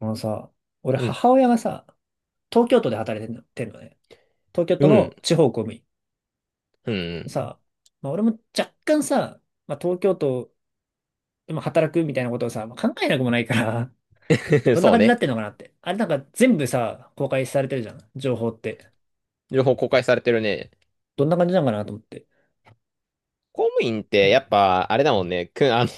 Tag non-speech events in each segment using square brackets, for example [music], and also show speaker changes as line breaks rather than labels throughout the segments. あのさ、俺
うん。
母親がさ、東京都で働いてんの、てんのね。東京
う
都
ん。
の地方公務員。
うんうん
で
う
さ、俺も若干さ、東京都でも働くみたいなことをさ、考えなくもないから、[laughs]
ん。 [laughs]
どんな
そう
感じにな
ね。
ってんのかなって。あれなんか全部さ、公開されてるじゃん、情報って。
情報公開されてるね。
どんな感じなのかなと思って。
公務員っ
う
てや
ん、
っぱ、あれだもんね。[laughs]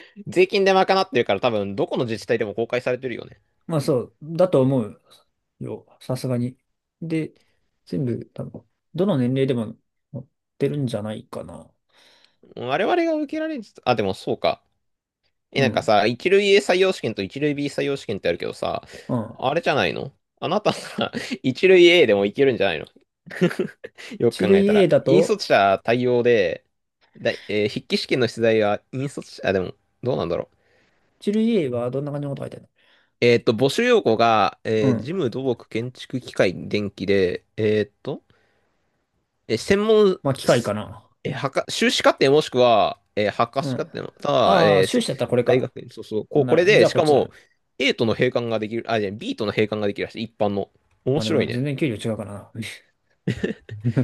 [laughs] 税金で賄ってるから多分、どこの自治体でも公開されてるよね。
まあそうだと思うよ、さすがに。で、全部、多分、どの年齢でも載ってるんじゃないかな。
我々が受けられる、あ、でもそうか。え、
う
なんか
ん。
さ、一類 A 採用試験と一類 B 採用試験ってあるけどさ、
うん。
あれじゃないの？あなたさ、[laughs] 一類 A でもいけるんじゃないの？ [laughs] よ
一
く考え
類
た
A
ら。
だ
引
と、
率者対応で、だい、えー筆記試験の出題は引率者、あ、でも、どうなんだろう。
ジル EA はどんな感じのこと書いてある
募集要項が、
の？う
事
ん。
務、土木、建築、機械、電気で、専門、
まあ、機械か
す
な。
えー博修士課程もしくは、博
う
士課
ん。
程の、ただ、
あ
え
あ、
ー
収
す
支だったらこれ
大
か。
学院、そうそう、こ
ほ
う、
んな
これ
ら、じ
で、
ゃあ
し
こっ
か
ちだ
も、
な。
A との閉館ができる、あ、じゃあ B との閉館ができるらしい、一般の。
ま
面
あで
白
も
い
全
ね。
然給料違うからな。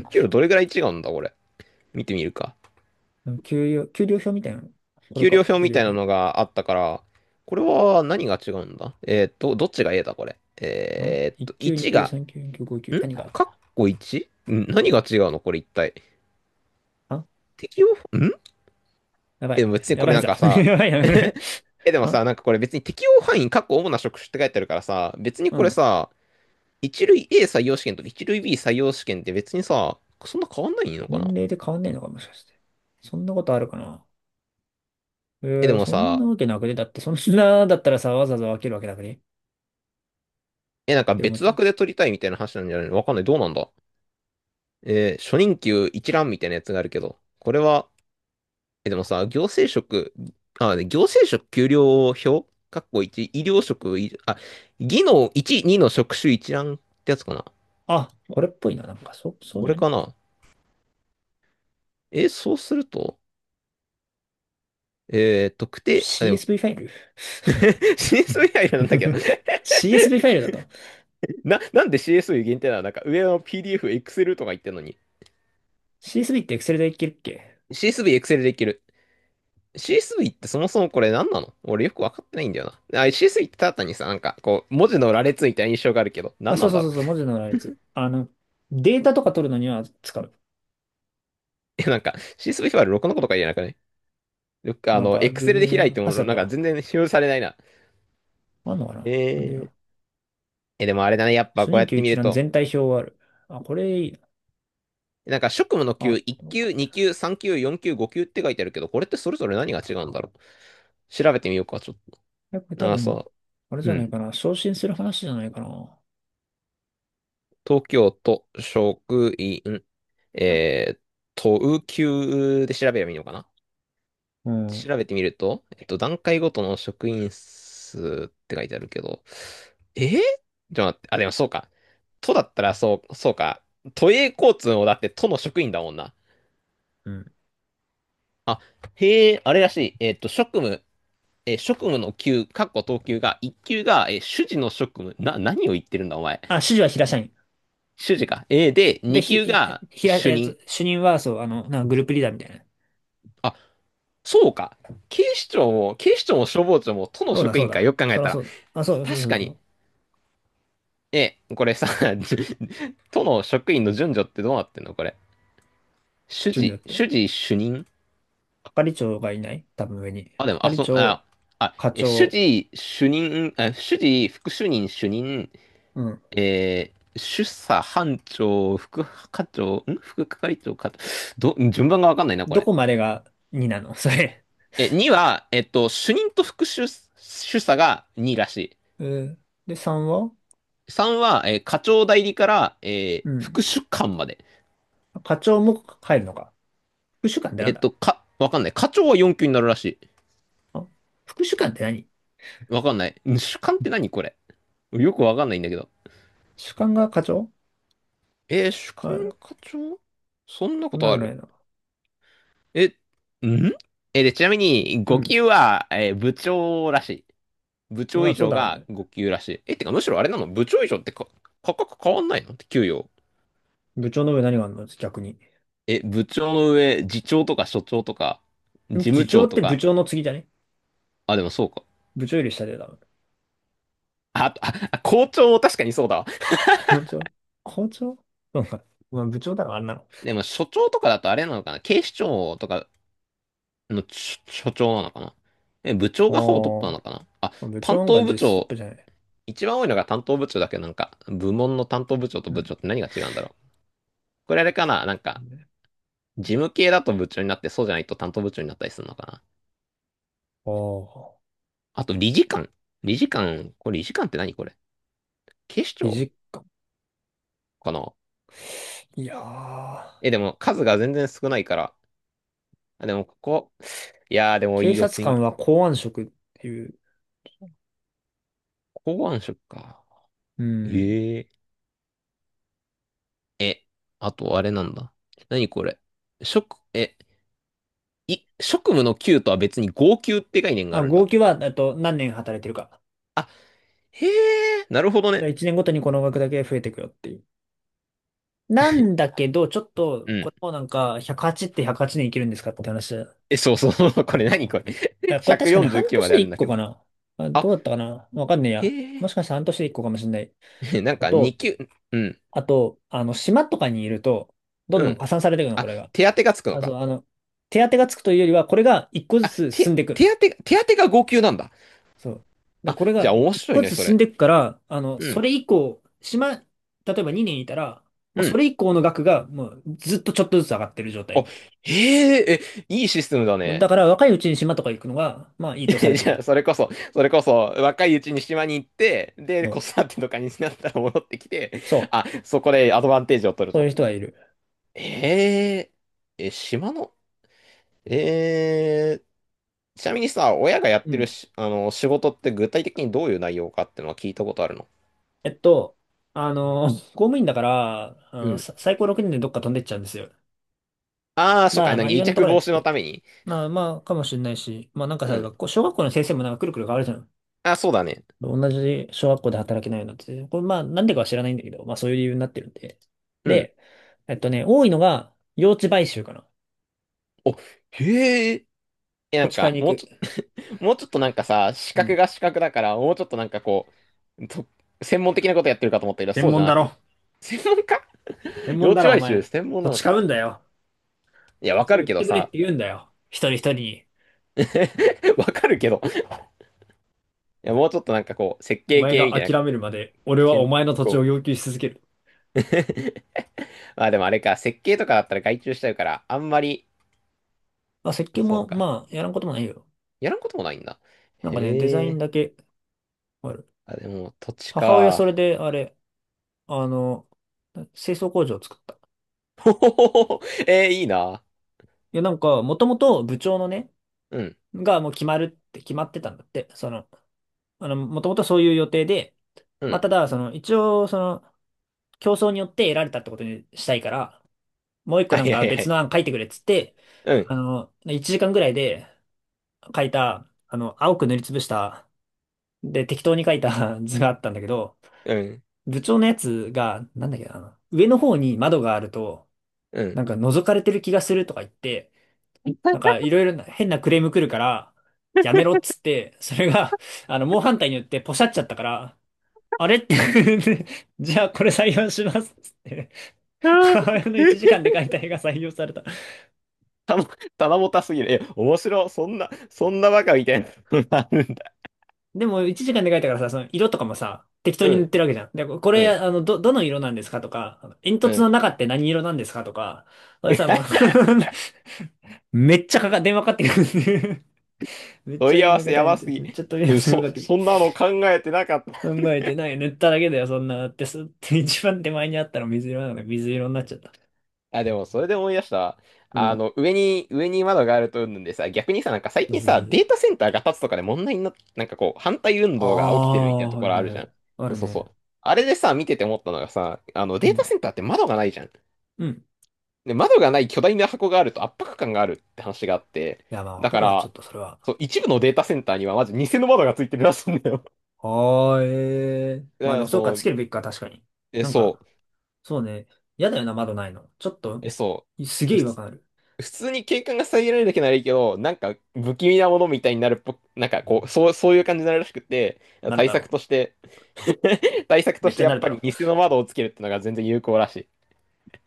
給料どれぐらい違うんだ、これ。見てみるか。
[laughs] 給料、給料表みたいなの。これ
給料
か、
表
給
み
料
たいなの
表。
があったから、これは何が違うんだ？どっちが A だ、これ。
あ？ 1 級、
1
2級、
が
3級、4級、5級。
ん
何が？
かっこ 1？ 何が違うのこれ一体。
あ
適用、ん
やば
え、で
い。
も別に
や
こ
ば
れ
い
なん
ぞ。
か
[laughs]
さ、
やばいな、これ。
[laughs] え、でも
あ、
さ、なんかこれ別に適用範囲、かっこ主な職種って書いてあるからさ、別に
う
これ
ん。
さ、一類 A 採用試験と一類 B 採用試験って別にさ、そんな変わんないのか
年
な？
齢で変わんねえのか、もしかして。そんなことあるかな。え
え、でも
そんな
さ、
わけなくね？だって、そんなだったらさ、わざわざ分けるわけなくねっ
え、なんか
て思っ
別
ちゃう。
枠で取りたいみたいな話なんじゃないの？わかんない。どうなんだ？初任給一覧みたいなやつがあるけど、これは？え、でもさ、行政職、あ、ね、行政職給料表かっこいち医療職、技能1、2の職種一覧ってやつかな。
あ、これっぽいな。なんか、そう
こ
じ
れ
ゃね？
かな。え、そうすると、特定、あ、でも
CSV ファイル？
[laughs] CSV アイなんだけど、
[laughs] CSV ファイルだと。
なんで CSV 限定なの？なんか上の PDF、Excel とか言ってんのに。
CSV って Excel でいけるっけ？
CSV、Excel でいける。CSV ってそもそもこれ何なの？俺よくわかってないんだよな。あ、CSV ってただ単にさ、なんかこう、文字の羅列みたいな印象があるけど、
あ、
何
そ
な
う
ん
そう
だ
そ
ろ
う
う。
そう、文字の羅列。データとか取るのには使う。
[laughs] え、なんか CSV ファイル6のことか言えなくない？よく
なんか、
エク
全
セルで開
然
いて
ね、パ
も、
スだっ
なん
た
か
わ。
全然使用されないな。
あんのか
え
な、あんね
ー、
や。
え、でもあれだね。やっぱ
初
こう
任
やっ
給
て
一
見る
覧
と、
全体表がある。あ、これいいな。
なんか職務の級、
あ、こ
1
うやっ
級、
て、
2級、3級、4級、5級って書いてあるけど、これってそれぞれ何が違うんだろう。調べてみようか、ちょっ
えこれ多
と。あ、
分、
そ
あれ
う。
じ
う
ゃない
ん。
かな。昇進する話じゃないかな。
東京都職員、
うん。
えー、都級で調べればいいのかな？
うん。
調べてみると、えっと、段階ごとの職員数って書いてあるけど、えーちょっと待って、あ、でもそうか。都だったらそう、そうか。都営交通もだって都の職員だもんな。
うん。
あ、へえ、あれらしい。えっと、職務、職務の級、かっこ等級が、1級が、主事の職務。何を言ってるんだ、お前。
あ、指示は平社員。
主事か。で、
で、
2
ひ、
級
ひ、
が
ひら、
主任。
主任は、そう、なんかグループリーダーみたいな。
あ、そうか。警視庁も、警視庁も消防庁も都の
そうだ、
職
そう
員か、
だ。
よく考え
そら
たら。
そうだ。あ、そうだ、そう
確
そう
か
そ
に、
う。
え、これさ、[laughs] 都の職員の順序ってどうなってんのこれ。主事、
順序っ
主
て。
事主任、
係長がいない多分上に。
あ、でも、あ、
係
そ、あ、
長、
あ、
課
え、主
長、
事主任、あ、主事副主任主任、
うん。
主査班長、副課長、副係長か、順番がわかんないな、こ
ど
れ。
こまでが2なの？ [laughs] それ。
え、2は、えっと、主任と副主、主査が2らしい。
えーで、3は？
3は、課長代理から、
うん。
副主幹まで。
課長も帰るのか。副主幹ってな
え
ん
っ
だ？
と、わかんない。課長は4級になるらしい。
あ、副主幹って何？
わかんない。主幹って何これ。よくわかんないんだけど。
主幹が課長？
主幹
あ、
課長そんな
そ
こ
んな
と
わ
あ
けな
る？
いな。
え、んえーで、ちなみに、
う
5
ん。
級は、部長らしい。部長
まあ、
以
そう
上
だろう
が
ね。
5級らしい。え、てか、むしろあれなの？部長以上ってか、価格変わんないのって給与。
部長の上何があるの逆に。
え、部長の上、次長とか所長とか、事
ん、次
務
長
長
っ
と
て部
か。
長の次じゃね？
あ、でもそうか。
部長より下でだろ。
あ校長確かにそうだわ。
[laughs] 部長、課長、そうか。まあ、部長だろ、あんなの。
でも、所長とかだとあれなのかな？警視庁とかの所長なのかな？え、部長
ああ。
がほぼトップなのかな、あ、
まあ部長
担
の方が
当部
実ストッ
長、
プじゃない。
一番多いのが担当部長だけど、なんか、部門の担当部長と
う
部
ん。
長って何が違うんだろう？これあれかな、なんか、事務系だと部長になって、そうじゃないと担当部長になったりするのかな？
おー、
あと、理事官。理事官、これ理事官って何これ。警視
理
庁
事官。
かな？
いやー、
え、でも数が全然少ないから。あ、でもここ、でも
警
いいよ、
察官は公安職っていう。
公安職か。
うん。
えええ、あとあれなんだ。何これ。職、え、い、職務の給とは別に号給って概念があ
あ、
るん
合
だ。
計は、何年働いてるか。
あ、へえ、なるほど
だ
ね。
1年ごとにこの額だけ増えてくよっていう。なんだけど、ちょっ
う
と、こ
ん。
れもなんか、108って108年生きるんですかって話だ。
え、そうそう、[laughs] これ何これ。
え
[laughs]
これ確かね、半
149
年
まであ
で
るん
1
だ
個
け
か
ど。
な。あ、
あ、
どうだったかな。わかんねえ
へ
や。もしかしたら半年で1個かもしれない。
え。[laughs] なん
あ
か
と、
2級、うん、
あと、島とかにいると、どん
う
どん
ん。
加算されていくの、こ
あ、
れが。
手当がつくの
あ、そう、
か。
手当てがつくというよりは、これが一個ず
あ、
つ進んでいく。
手当が、手当が号級なんだ。
そう。で、
あ、
これ
じゃ
が
あ面
一
白い
個
ね、
ずつ
そ
進ん
れ。
でいくから、
う
そ
ん、
れ以降、島、例えば2年いたら、もう
う
そ
ん。
れ以降の額が、もうずっとちょっとずつ上がってる状
あ、
態。
へえ、え、いいシステムだね。
だから、若いうちに島とか行くのが、まあ、いいとされて
[laughs] じ
い
ゃ
る。
あ、それこそ、それこそ、若いうちに島に行って、で、
そ
子
う。
育てとかになったら戻ってきて、
そ
あ、
う。
そこでアドバンテージを取る
そういう
と。
人がいる。
え島の、えちなみにさ、親がやっ
う
てる
ん。
し、あの、仕事って具体的にどういう内容かってのは聞いたことあるの？
えっと、公務員だから、
うん。
最高6年でどっか飛んでっちゃうんですよ。
ああ、
た
そっか、
だ、
な
ま
ん
あ、
か
い
癒
ろんなと
着
ころや
防
っ
止の
て。
ために。
まあまあ、かもしれないし、まあなんか
う
さ、
ん。
学校、小学校の先生もなんかくるくる変わるじゃん。
あ、そうだね。
同じ小学校で働けないのって、これまあなんでかは知らないんだけど、まあそういう理由になってるんで。
うん。
で、えっとね、多いのが用地買収かな。
お、へえ。え、な
土
ん
地買い
か、
に行く。
もうちょっとなんかさ、資
う
格
ん。
が資格だから、もうちょっとなんかこう、専門的なことやってるかと思ったけど、
専
そうじゃ
門
な
だろ。
く。専門家？
専
[laughs] 幼
門だ
稚
ろ、お
外周
前。
専門
土
なの
地買
か。
うんだよ。
いや、
土
わか
地
る
売っ
けど
てくれっ
さ、
て言うんだよ。一人一人に。
[laughs] わかるけど。いや、もうちょっとなんかこう、設
お
計
前
系み
が
たいな、
諦めるまで、俺は
け
お
ん、
前の土地を
こう。
要求し続ける。
[laughs] まあでもあれか、設計とかだったら外注しちゃうから、あんまり、
まあ設計
そう
も
か。
まあやらんこともないよ。
やらんこともないんだ。
なんかね、デザ
へ
イン
え。
だけある。
あ、でも、土地
母親それ
か。
であれ、あの、清掃工場を作った。
[laughs] ほほほほ。いいな。
いやなんか、もともと部長のね、
うん、
がもう決まるって決まってたんだって。その、もともとそういう予定で、
う
まあ、
ん。
ただ、その、一応、その、競争によって得られたってことにしたいから、もう一個
は
なん
い
か
はいは
別の
い。
案書いてくれっつって、
うん、
1時間ぐらいで書いた、青く塗りつぶした、で、適当に書いた [laughs] 図があったんだけど、
うん、
部長のやつが、なんだっけな、あの上の方に窓があると、
うん。
なんか覗かれてる気がするとか言って、なんかいろいろな変なクレーム来るから、やめろっつって、それが、猛反対によってポシャっちゃったから、あれって [laughs] じゃあこれ採用しますっつって、
[laughs] あ
母親の1
ー、
時間で描いた絵が採用された。
棚ぼたすぎる。え、面白い。そんな、そんなバカみたいなのがあるんだ。
でも1時間で描いたからさ、その色とかもさ、適当
う
に塗っ
ん、
てるわけじゃん。で、こ
う
れ、
ん、
どの色なんですかとか、あの煙
う
突の
ん。
中って何色なんですかとか、俺さ、もう
[laughs]
[laughs] めっちゃかか、電話かかってくるんで、めっち
問
ゃ
い合
連
わせ
絡
や
大
ば
変で、
すぎ。
めっちゃ問い合わ
うん
せがかか
そ、
ってくる。
そんなの考えてなかっ
考
た。
えてない。塗っただけだよ、そんな。だってす、[laughs] 一番手前にあったの水色なので、水色になっちゃった。
あ、でもそれで思い出したわ。
うん。
上に窓があるとうんぬんでさ、逆にさ、なんか最
そう
近
そうそ
さ、
うそ
デー
う。
タセンターが建つとかで問題になっなんかこう、反対運
あ
動が起きてるみたい
あ、
なと
は
こ
い
ろあるじ
は
ゃ
い。
ん。
あ
そう
る
そうそ
ね。
う。あれでさ、見てて思ったのがさ、
う
データ
ん。
センターって窓がないじゃん。
うん。
で、窓がない巨大な箱があると圧迫感があるって話があって、
いや、まあ、わ
だ
か
か
るわ、ちょっ
ら、
とそれは。
そう、一部のデータセンターにはまず偽の窓がついてるらしいんだよ。[laughs]
ああ、ええ、
だ
まあ
か
で
ら、
も、そうか、
そ
つ
う、
けるべきか、確かに。
え、
なん
そ
か、
う、
そうね。嫌だよな、窓ないの。ちょっと、
え、そ
すげえ
う、
違
普
和
通、
感ある。
普通に景観が遮られるだけならいいけど、なんか不気味なものみたいになるっぽく、なんかこう、そう、そういう感じになるらしくて、
なる
対
だ
策
ろ
として [laughs] 対策
う。
と
めっ
して
ちゃ
や
な
っ
る
ぱ
だ
り
ろ
偽の窓をつけるってのが全然有効らしい。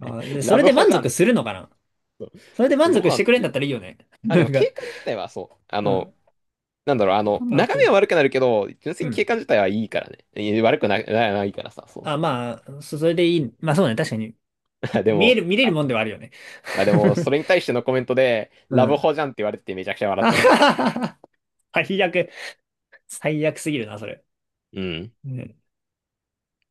う。あー、で、そ
ラ
れ
ブ
で
ホ
満
じゃ
足
ん。
するのかな？
そ
それで
う、
満
ど
足
う
し
なん
て
だ
く
ろ
れ
う
ん
ね。
だったらいいよね。[laughs]
あ、で
な
も
んか、
景観自体はそう、
うん。
なんだろう、
まあ、ある
眺
程
めは
度。
悪くなるけど、純粋
う
に景
ん。
観自体はいいからね。い悪くな、な、ないからさ、そう
あ、
そうそ
まあ、それでいい。まあそうね、確かに。
う。[laughs] で
見え
も、
る、見れる
あ、
もんではあるよね。
あで
[laughs]
も、それに対してのコメントで、
う
ラブ
ん。
ホじゃんって言われててめちゃくちゃ笑
あ
っ
は
ちゃった。
ははは [laughs] 最悪。最悪すぎるな、それ。
うん。
うん